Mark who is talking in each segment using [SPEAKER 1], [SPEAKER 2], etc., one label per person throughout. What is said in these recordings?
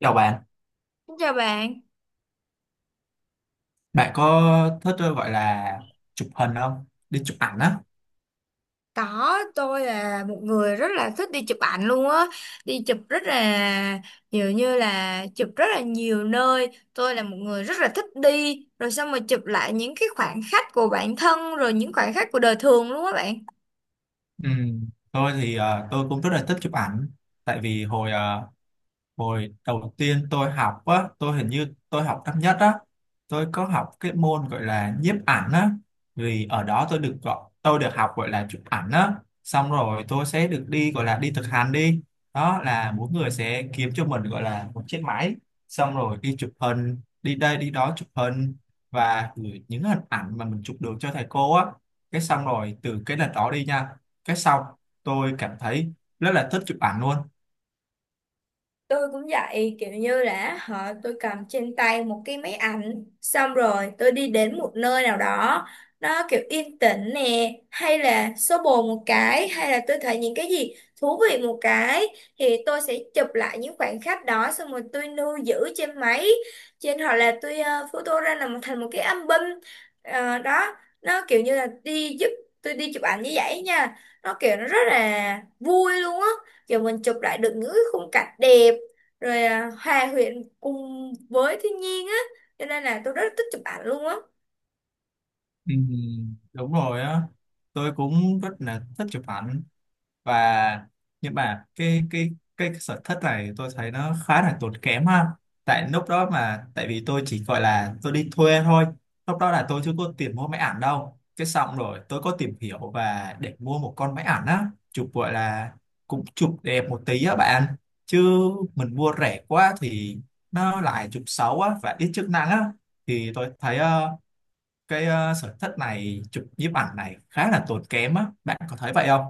[SPEAKER 1] Chào bạn,
[SPEAKER 2] Xin chào bạn,
[SPEAKER 1] bạn có thích gọi là chụp hình không? Đi chụp ảnh á.
[SPEAKER 2] có tôi là một người rất là thích đi chụp ảnh luôn á, đi chụp rất là nhiều, như là chụp rất là nhiều nơi. Tôi là một người rất là thích đi, rồi xong rồi chụp lại những cái khoảnh khắc của bản thân, rồi những khoảnh khắc của đời thường luôn á bạn.
[SPEAKER 1] Ừ. Tôi thì tôi cũng rất là thích chụp ảnh, tại vì Hồi đầu tiên tôi học á, tôi hình như tôi học năm nhất á, tôi có học cái môn gọi là nhiếp ảnh á, vì ở đó tôi được gọi, tôi được học gọi là chụp ảnh á, xong rồi tôi sẽ được đi gọi là đi thực hành đi, đó là mỗi người sẽ kiếm cho mình gọi là một chiếc máy, xong rồi đi chụp hình, đi đây đi đó chụp hình và gửi những hình ảnh mà mình chụp được cho thầy cô á, cái xong rồi từ cái lần đó đi nha, cái xong tôi cảm thấy rất là thích chụp ảnh luôn.
[SPEAKER 2] Tôi cũng vậy, kiểu như là họ tôi cầm trên tay một cái máy ảnh, xong rồi tôi đi đến một nơi nào đó, nó kiểu yên tĩnh nè, hay là xô bồ một cái, hay là tôi thấy những cái gì thú vị một cái, thì tôi sẽ chụp lại những khoảnh khắc đó, xong rồi tôi lưu giữ trên máy, trên hoặc là tôi photo ra làm thành một cái album. Ờ, đó, nó kiểu như là đi giúp tôi đi chụp ảnh như vậy nha, nó kiểu nó rất là vui luôn á, kiểu mình chụp lại được những cái khung cảnh đẹp rồi à, hòa quyện cùng với thiên nhiên á, cho nên là tôi rất thích chụp ảnh luôn á.
[SPEAKER 1] Ừ, đúng rồi á, tôi cũng rất là thích chụp ảnh và nhưng mà cái cái sở thích này tôi thấy nó khá là tốn kém ha, tại lúc đó mà tại vì tôi chỉ gọi là tôi đi thuê thôi, lúc đó là tôi chưa có tiền mua máy ảnh đâu, cái xong rồi tôi có tìm hiểu và để mua một con máy ảnh á, chụp gọi là cũng chụp đẹp một tí á bạn, chứ mình mua rẻ quá thì nó lại chụp xấu á và ít chức năng á, thì tôi thấy cái sở thích này chụp nhiếp ảnh này khá là tốn kém á, bạn có thấy vậy không?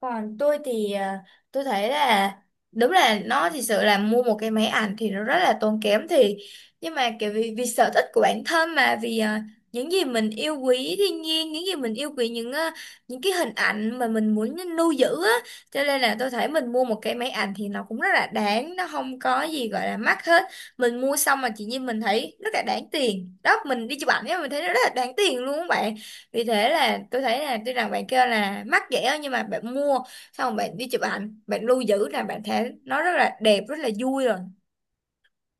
[SPEAKER 2] Còn tôi thì à, tôi thấy là đúng là nó thì sự là mua một cái máy ảnh thì nó rất là tốn kém, thì nhưng mà kiểu vì sở thích của bản thân, mà vì những gì mình yêu quý thiên nhiên, những gì mình yêu quý những à, những cái hình ảnh mà mình muốn lưu giữ á, cho nên là tôi thấy mình mua một cái máy ảnh thì nó cũng rất là đáng, nó không có gì gọi là mắc hết. Mình mua xong mà chỉ như mình thấy rất là đáng tiền đó, mình đi chụp ảnh ấy, mình thấy nó rất là đáng tiền luôn các bạn. Vì thế là tôi thấy là tuy rằng bạn kêu là mắc vậy á, nhưng mà bạn mua xong rồi bạn đi chụp ảnh, bạn lưu giữ là bạn thấy nó rất là đẹp, rất là vui rồi.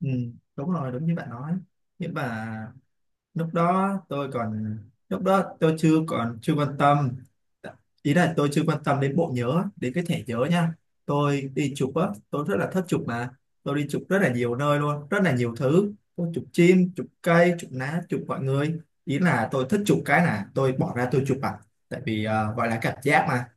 [SPEAKER 1] Ừ, đúng rồi, đúng như bạn nói. Nhưng mà lúc đó tôi còn lúc đó tôi chưa còn chưa quan tâm. Ý là tôi chưa quan tâm đến bộ nhớ, đến cái thẻ nhớ nha. Tôi đi chụp á, tôi rất là thích chụp mà. Tôi đi chụp rất là nhiều nơi luôn, rất là nhiều thứ. Tôi chụp chim, chụp cây, chụp lá, chụp mọi người. Ý là tôi thích chụp cái là tôi bỏ ra tôi chụp ảnh. Tại vì gọi là cảm giác mà.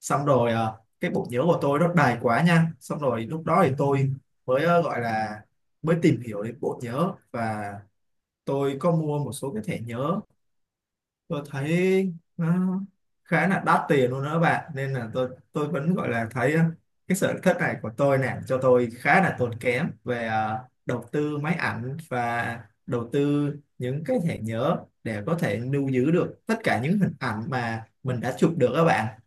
[SPEAKER 1] Xong rồi cái bộ nhớ của tôi nó đầy quá nha, xong rồi lúc đó thì tôi mới gọi là mới tìm hiểu đến bộ nhớ và tôi có mua một số cái thẻ nhớ, tôi thấy nó khá là đắt tiền luôn đó các bạn, nên là tôi vẫn gọi là thấy cái sở thích này của tôi nè cho tôi khá là tốn kém về đầu tư máy ảnh và đầu tư những cái thẻ nhớ để có thể lưu giữ được tất cả những hình ảnh mà mình đã chụp được các bạn.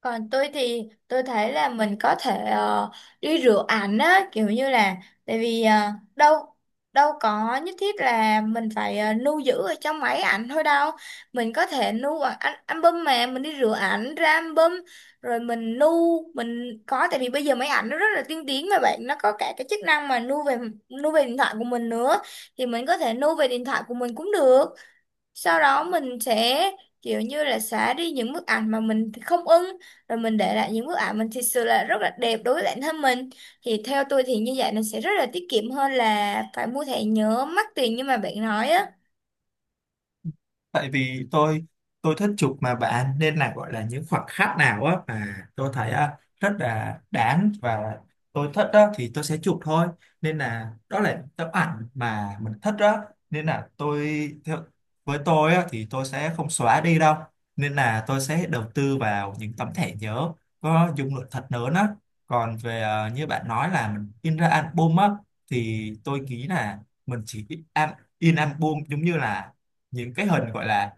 [SPEAKER 2] Còn tôi thì tôi thấy là mình có thể đi rửa ảnh á, kiểu như là tại vì đâu đâu có nhất thiết là mình phải lưu giữ ở trong máy ảnh thôi đâu, mình có thể lưu ở album, mà mình đi rửa ảnh ra album rồi mình lưu, mình có tại vì bây giờ máy ảnh nó rất là tiên tiến mà bạn, nó có cả cái chức năng mà lưu về điện thoại của mình nữa, thì mình có thể lưu về điện thoại của mình cũng được. Sau đó mình sẽ kiểu như là xóa đi những bức ảnh mà mình không ưng, rồi mình để lại những bức ảnh mình thật sự là rất là đẹp đối với bản thân mình. Thì theo tôi thì như vậy nó sẽ rất là tiết kiệm hơn là phải mua thẻ nhớ mắc tiền như mà bạn nói á.
[SPEAKER 1] Tại vì tôi thích chụp mà bạn, nên là gọi là những khoảnh khắc nào á mà tôi thấy á rất là đáng và tôi thích đó thì tôi sẽ chụp thôi, nên là đó là tấm ảnh mà mình thích đó, nên là tôi theo, với tôi á, thì tôi sẽ không xóa đi đâu, nên là tôi sẽ đầu tư vào những tấm thẻ nhớ có dung lượng thật lớn á. Còn về à, như bạn nói là mình in ra album á, thì tôi nghĩ là mình chỉ in, in album giống như là những cái hình gọi là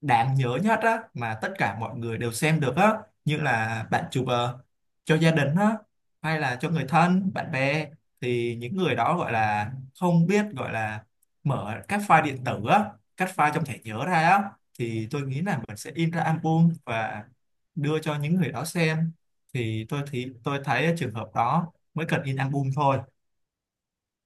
[SPEAKER 1] đáng nhớ nhất á mà tất cả mọi người đều xem được á, như là bạn chụp cho gia đình á, hay là cho người thân bạn bè, thì những người đó gọi là không biết gọi là mở các file điện tử á, các file trong thẻ nhớ ra á, thì tôi nghĩ là mình sẽ in ra album và đưa cho những người đó xem, thì tôi thấy trường hợp đó mới cần in album thôi.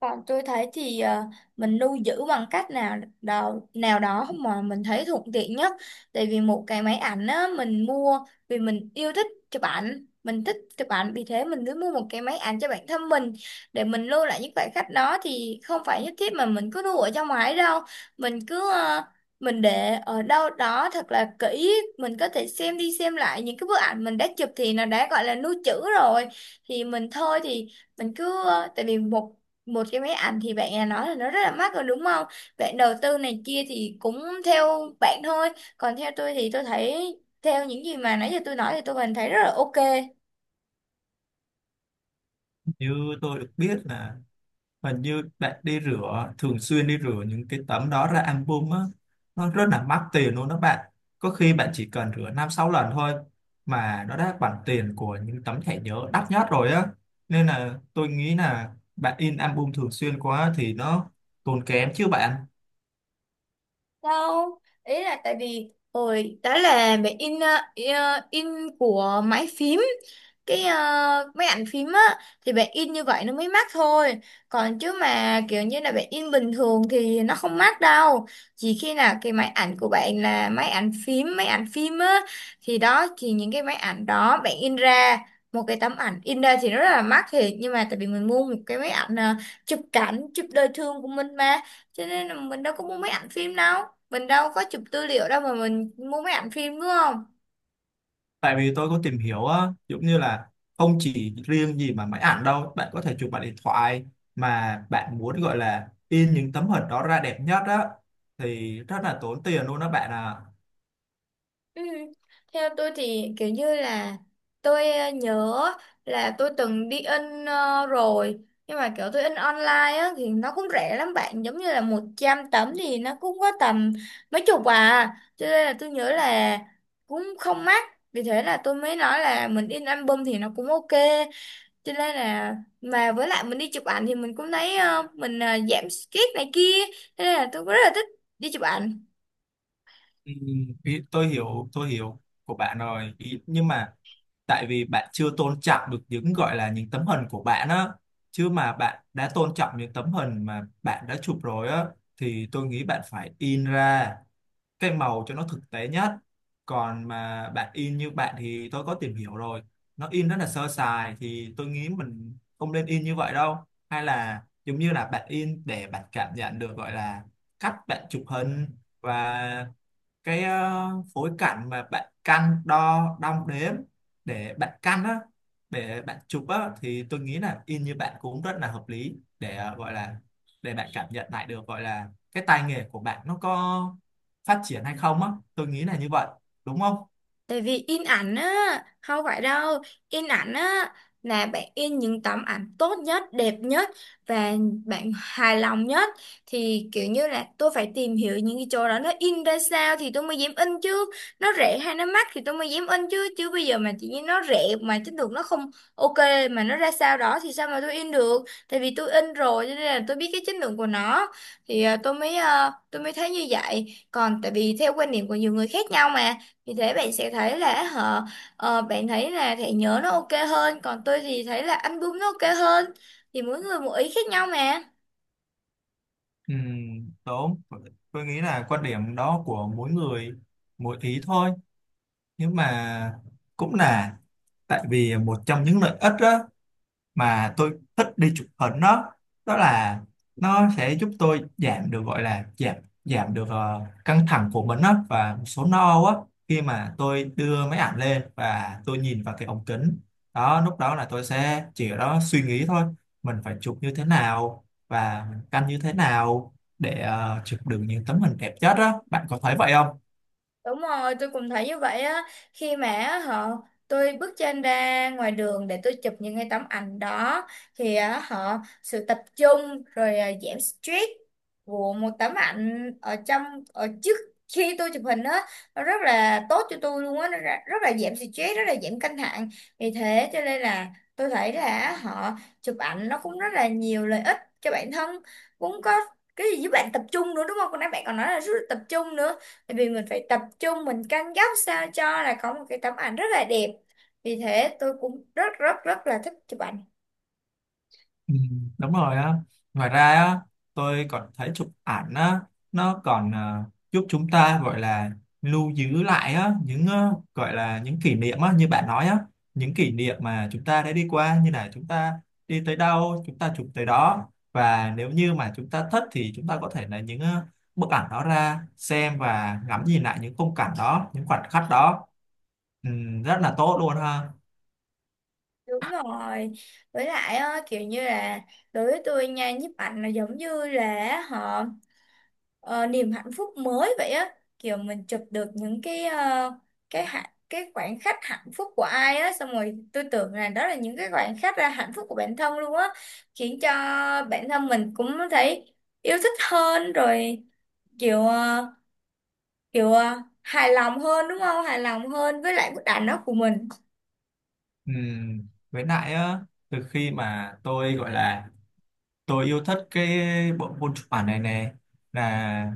[SPEAKER 2] Còn tôi thấy thì ờ, mình lưu giữ bằng cách nào đó mà mình thấy thuận tiện nhất. Tại vì một cái máy ảnh á, mình mua vì mình yêu thích chụp ảnh, mình thích chụp ảnh, vì thế mình cứ mua một cái máy ảnh cho bản thân mình, để mình lưu lại những khoảnh khắc đó, thì không phải nhất thiết mà mình cứ lưu ở trong máy đâu. Mình cứ ờ, mình để ở đâu đó thật là kỹ, mình có thể xem đi xem lại những cái bức ảnh mình đã chụp thì nó đã gọi là lưu trữ rồi. Thì mình thôi thì mình cứ ờ, tại vì một một cái máy ảnh thì bạn đã nói là nó rất là mắc rồi, đúng không, bạn đầu tư này kia thì cũng theo bạn thôi, còn theo tôi thì tôi thấy theo những gì mà nãy giờ tôi nói thì tôi vẫn thấy rất là ok.
[SPEAKER 1] Như tôi được biết là và như bạn đi rửa thường xuyên, đi rửa những cái tấm đó ra album á, nó rất là mắc tiền luôn đó bạn, có khi bạn chỉ cần rửa năm sáu lần thôi mà nó đã bằng tiền của những tấm thẻ nhớ đắt nhất rồi á, nên là tôi nghĩ là bạn in album thường xuyên quá thì nó tốn kém chứ bạn.
[SPEAKER 2] Đâu, ý là tại vì hồi đó là mẹ in in của máy phím, cái ờ, máy ảnh phím á, thì bạn in như vậy nó mới mắc thôi, còn chứ mà kiểu như là bạn in bình thường thì nó không mắc đâu. Chỉ khi nào cái máy ảnh của bạn là máy ảnh phim á, thì đó, thì những cái máy ảnh đó bạn in ra một cái tấm ảnh in ra thì nó rất là mắc thiệt, nhưng mà tại vì mình mua một cái máy ảnh ờ, chụp cảnh chụp đời thường của mình mà, cho nên là mình đâu có mua máy ảnh phim đâu, mình đâu có chụp tư liệu đâu mà mình mua máy ảnh phim đúng không?
[SPEAKER 1] Tại vì tôi có tìm hiểu á, giống như là không chỉ riêng gì mà máy ảnh đâu, bạn có thể chụp bằng điện thoại mà bạn muốn gọi là in những tấm hình đó ra đẹp nhất á, thì rất là tốn tiền luôn đó bạn ạ.
[SPEAKER 2] Ừ. Theo tôi thì kiểu như là tôi nhớ là tôi từng đi in rồi, nhưng mà kiểu tôi in online á thì nó cũng rẻ lắm bạn, giống như là 100 tấm thì nó cũng có tầm mấy chục à, cho nên là tôi nhớ là cũng không mắc. Vì thế là tôi mới nói là mình in album thì nó cũng ok, cho nên là mà với lại mình đi chụp ảnh thì mình cũng thấy mình giảm stress này kia, thế nên là tôi cũng rất là thích đi chụp ảnh.
[SPEAKER 1] Ừ, tôi hiểu, của bạn rồi ý, nhưng mà tại vì bạn chưa tôn trọng được những gọi là những tấm hình của bạn á, chứ mà bạn đã tôn trọng những tấm hình mà bạn đã chụp rồi á, thì tôi nghĩ bạn phải in ra cái màu cho nó thực tế nhất, còn mà bạn in như bạn thì tôi có tìm hiểu rồi, nó in rất là sơ sài, thì tôi nghĩ mình không nên in như vậy đâu, hay là giống như là bạn in để bạn cảm nhận được gọi là cách bạn chụp hình và cái phối cảnh mà bạn căn đo đong đếm để bạn căn á, để bạn chụp á, thì tôi nghĩ là in như bạn cũng rất là hợp lý để gọi là để bạn cảm nhận lại được gọi là cái tay nghề của bạn nó có phát triển hay không á, tôi nghĩ là như vậy, đúng không?
[SPEAKER 2] Tại vì in ảnh á, không phải đâu, in ảnh á là bạn in những tấm ảnh tốt nhất, đẹp nhất và bạn hài lòng nhất. Thì kiểu như là tôi phải tìm hiểu những cái chỗ đó nó in ra sao thì tôi mới dám in chứ, nó rẻ hay nó mắc thì tôi mới dám in chứ. Chứ bây giờ mà chỉ như nó rẻ mà chất lượng nó không ok, mà nó ra sao đó thì sao mà tôi in được. Tại vì tôi in rồi cho nên là tôi biết cái chất lượng của nó, thì tôi mới tôi mới thấy như vậy. Còn tại vì theo quan điểm của nhiều người khác nhau mà, vì thế bạn sẽ thấy là họ ờ, bạn thấy là thẻ nhớ nó ok hơn, còn tôi thì thấy là album nó ok hơn, thì mỗi người một ý khác nhau mà.
[SPEAKER 1] Ừ, đúng, tôi nghĩ là quan điểm đó của mỗi người mỗi ý thôi, nhưng mà cũng là tại vì một trong những lợi ích á mà tôi thích đi chụp hình đó, đó là nó sẽ giúp tôi giảm được gọi là giảm giảm được căng thẳng của mình á và một số no á, khi mà tôi đưa máy ảnh lên và tôi nhìn vào cái ống kính đó, lúc đó là tôi sẽ chỉ ở đó suy nghĩ thôi, mình phải chụp như thế nào và mình canh như thế nào để chụp được những tấm hình đẹp nhất á, bạn có thấy vậy không?
[SPEAKER 2] Đúng rồi, tôi cũng thấy như vậy á. Khi mà á, họ tôi bước chân ra ngoài đường để tôi chụp những cái tấm ảnh đó, thì á, họ sự tập trung rồi à, giảm stress của một tấm ảnh ở trong, ở trước khi tôi chụp hình á, nó rất là tốt cho tôi luôn á, nó rất là giảm stress, rất là giảm căng thẳng. Vì thế cho nên là tôi thấy là họ chụp ảnh nó cũng rất là nhiều lợi ích cho bản thân, cũng có cái gì giúp bạn tập trung nữa đúng không? Còn nãy bạn còn nói là rất là tập trung nữa. Tại vì mình phải tập trung, mình căng góc sao cho là có một cái tấm ảnh rất là đẹp, vì thế tôi cũng rất rất rất là thích chụp ảnh.
[SPEAKER 1] Ừ, đúng rồi á, ngoài ra á tôi còn thấy chụp ảnh á nó còn giúp chúng ta gọi là lưu giữ lại á những gọi là những kỷ niệm á như bạn nói á, những kỷ niệm mà chúng ta đã đi qua, như là chúng ta đi tới đâu chúng ta chụp tới đó, và nếu như mà chúng ta thích thì chúng ta có thể lấy những bức ảnh đó ra xem và ngắm nhìn lại những khung cảnh đó, những khoảnh khắc đó. Ừ, rất là tốt luôn ha.
[SPEAKER 2] Đúng rồi, với lại ờ, kiểu như là đối với tôi nha, nhiếp ảnh là giống như là họ niềm hạnh phúc mới vậy á, kiểu mình chụp được những cái ờ, cái hạnh cái khoảnh khắc hạnh phúc của ai á, xong rồi tôi tưởng là đó là những cái khoảnh khắc là hạnh phúc của bản thân luôn á, khiến cho bản thân mình cũng thấy yêu thích hơn rồi, kiểu ờ, kiểu à, hài lòng hơn, đúng không, hài lòng hơn với lại bức ảnh đó của mình.
[SPEAKER 1] Ừ, với lại á, từ khi mà tôi gọi là tôi yêu thích cái bộ môn chụp ảnh này nè, là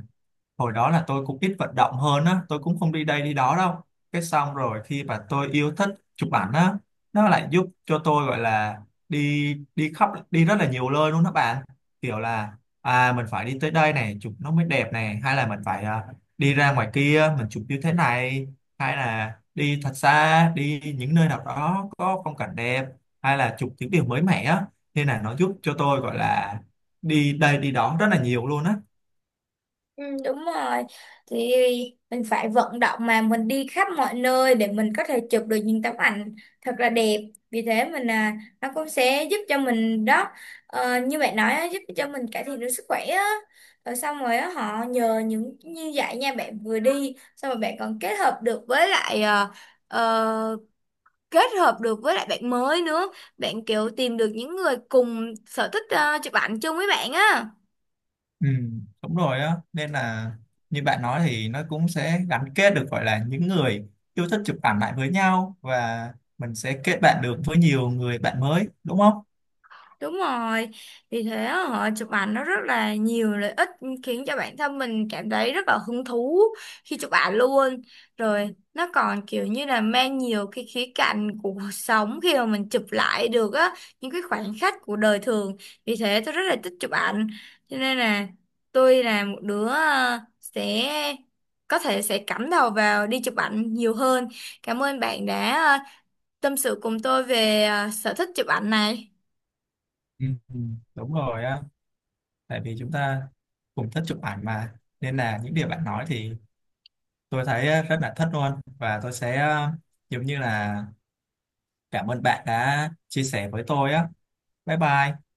[SPEAKER 1] hồi đó là tôi cũng ít vận động hơn á, tôi cũng không đi đây đi đó đâu, cái xong rồi khi mà tôi yêu thích chụp ảnh á, nó lại giúp cho tôi gọi là đi đi khắp, đi rất là nhiều nơi luôn đó bạn, kiểu là à mình phải đi tới đây này chụp nó mới đẹp này, hay là mình phải đi ra ngoài kia mình chụp như thế này, hay là đi thật xa đi những nơi nào đó có phong cảnh đẹp, hay là chụp những điều mới mẻ á, nên là nó giúp cho tôi gọi là đi đây đi đó rất là nhiều luôn á.
[SPEAKER 2] Ừ, đúng rồi, thì mình phải vận động mà mình đi khắp mọi nơi để mình có thể chụp được những tấm ảnh thật là đẹp, vì thế mình à nó cũng sẽ giúp cho mình đó, ờ, như bạn nói á, giúp cho mình cải thiện được sức khỏe á, rồi xong rồi á, họ nhờ những như vậy nha, bạn vừa đi xong rồi bạn còn kết hợp được với lại uh, kết hợp được với lại bạn mới nữa, bạn kiểu tìm được những người cùng sở thích chụp ảnh chung với bạn á.
[SPEAKER 1] Ừ, đúng rồi á, nên là như bạn nói thì nó cũng sẽ gắn kết được gọi là những người yêu thích chụp ảnh lại với nhau và mình sẽ kết bạn được với nhiều người bạn mới, đúng không?
[SPEAKER 2] Đúng rồi, vì thế họ chụp ảnh nó rất là nhiều lợi ích, khiến cho bản thân mình cảm thấy rất là hứng thú khi chụp ảnh luôn. Rồi nó còn kiểu như là mang nhiều cái khía cạnh của cuộc sống khi mà mình chụp lại được á, những cái khoảnh khắc của đời thường. Vì thế tôi rất là thích chụp ảnh. Cho nên là tôi là một đứa sẽ có thể sẽ cắm đầu vào đi chụp ảnh nhiều hơn. Cảm ơn bạn đã tâm sự cùng tôi về sở thích chụp ảnh này.
[SPEAKER 1] Ừ, ừ, đúng rồi á, tại vì chúng ta cùng thích chụp ảnh mà, nên là những điều bạn nói thì tôi thấy rất là thích luôn và tôi sẽ giống như là cảm ơn bạn đã chia sẻ với tôi á, bye bye.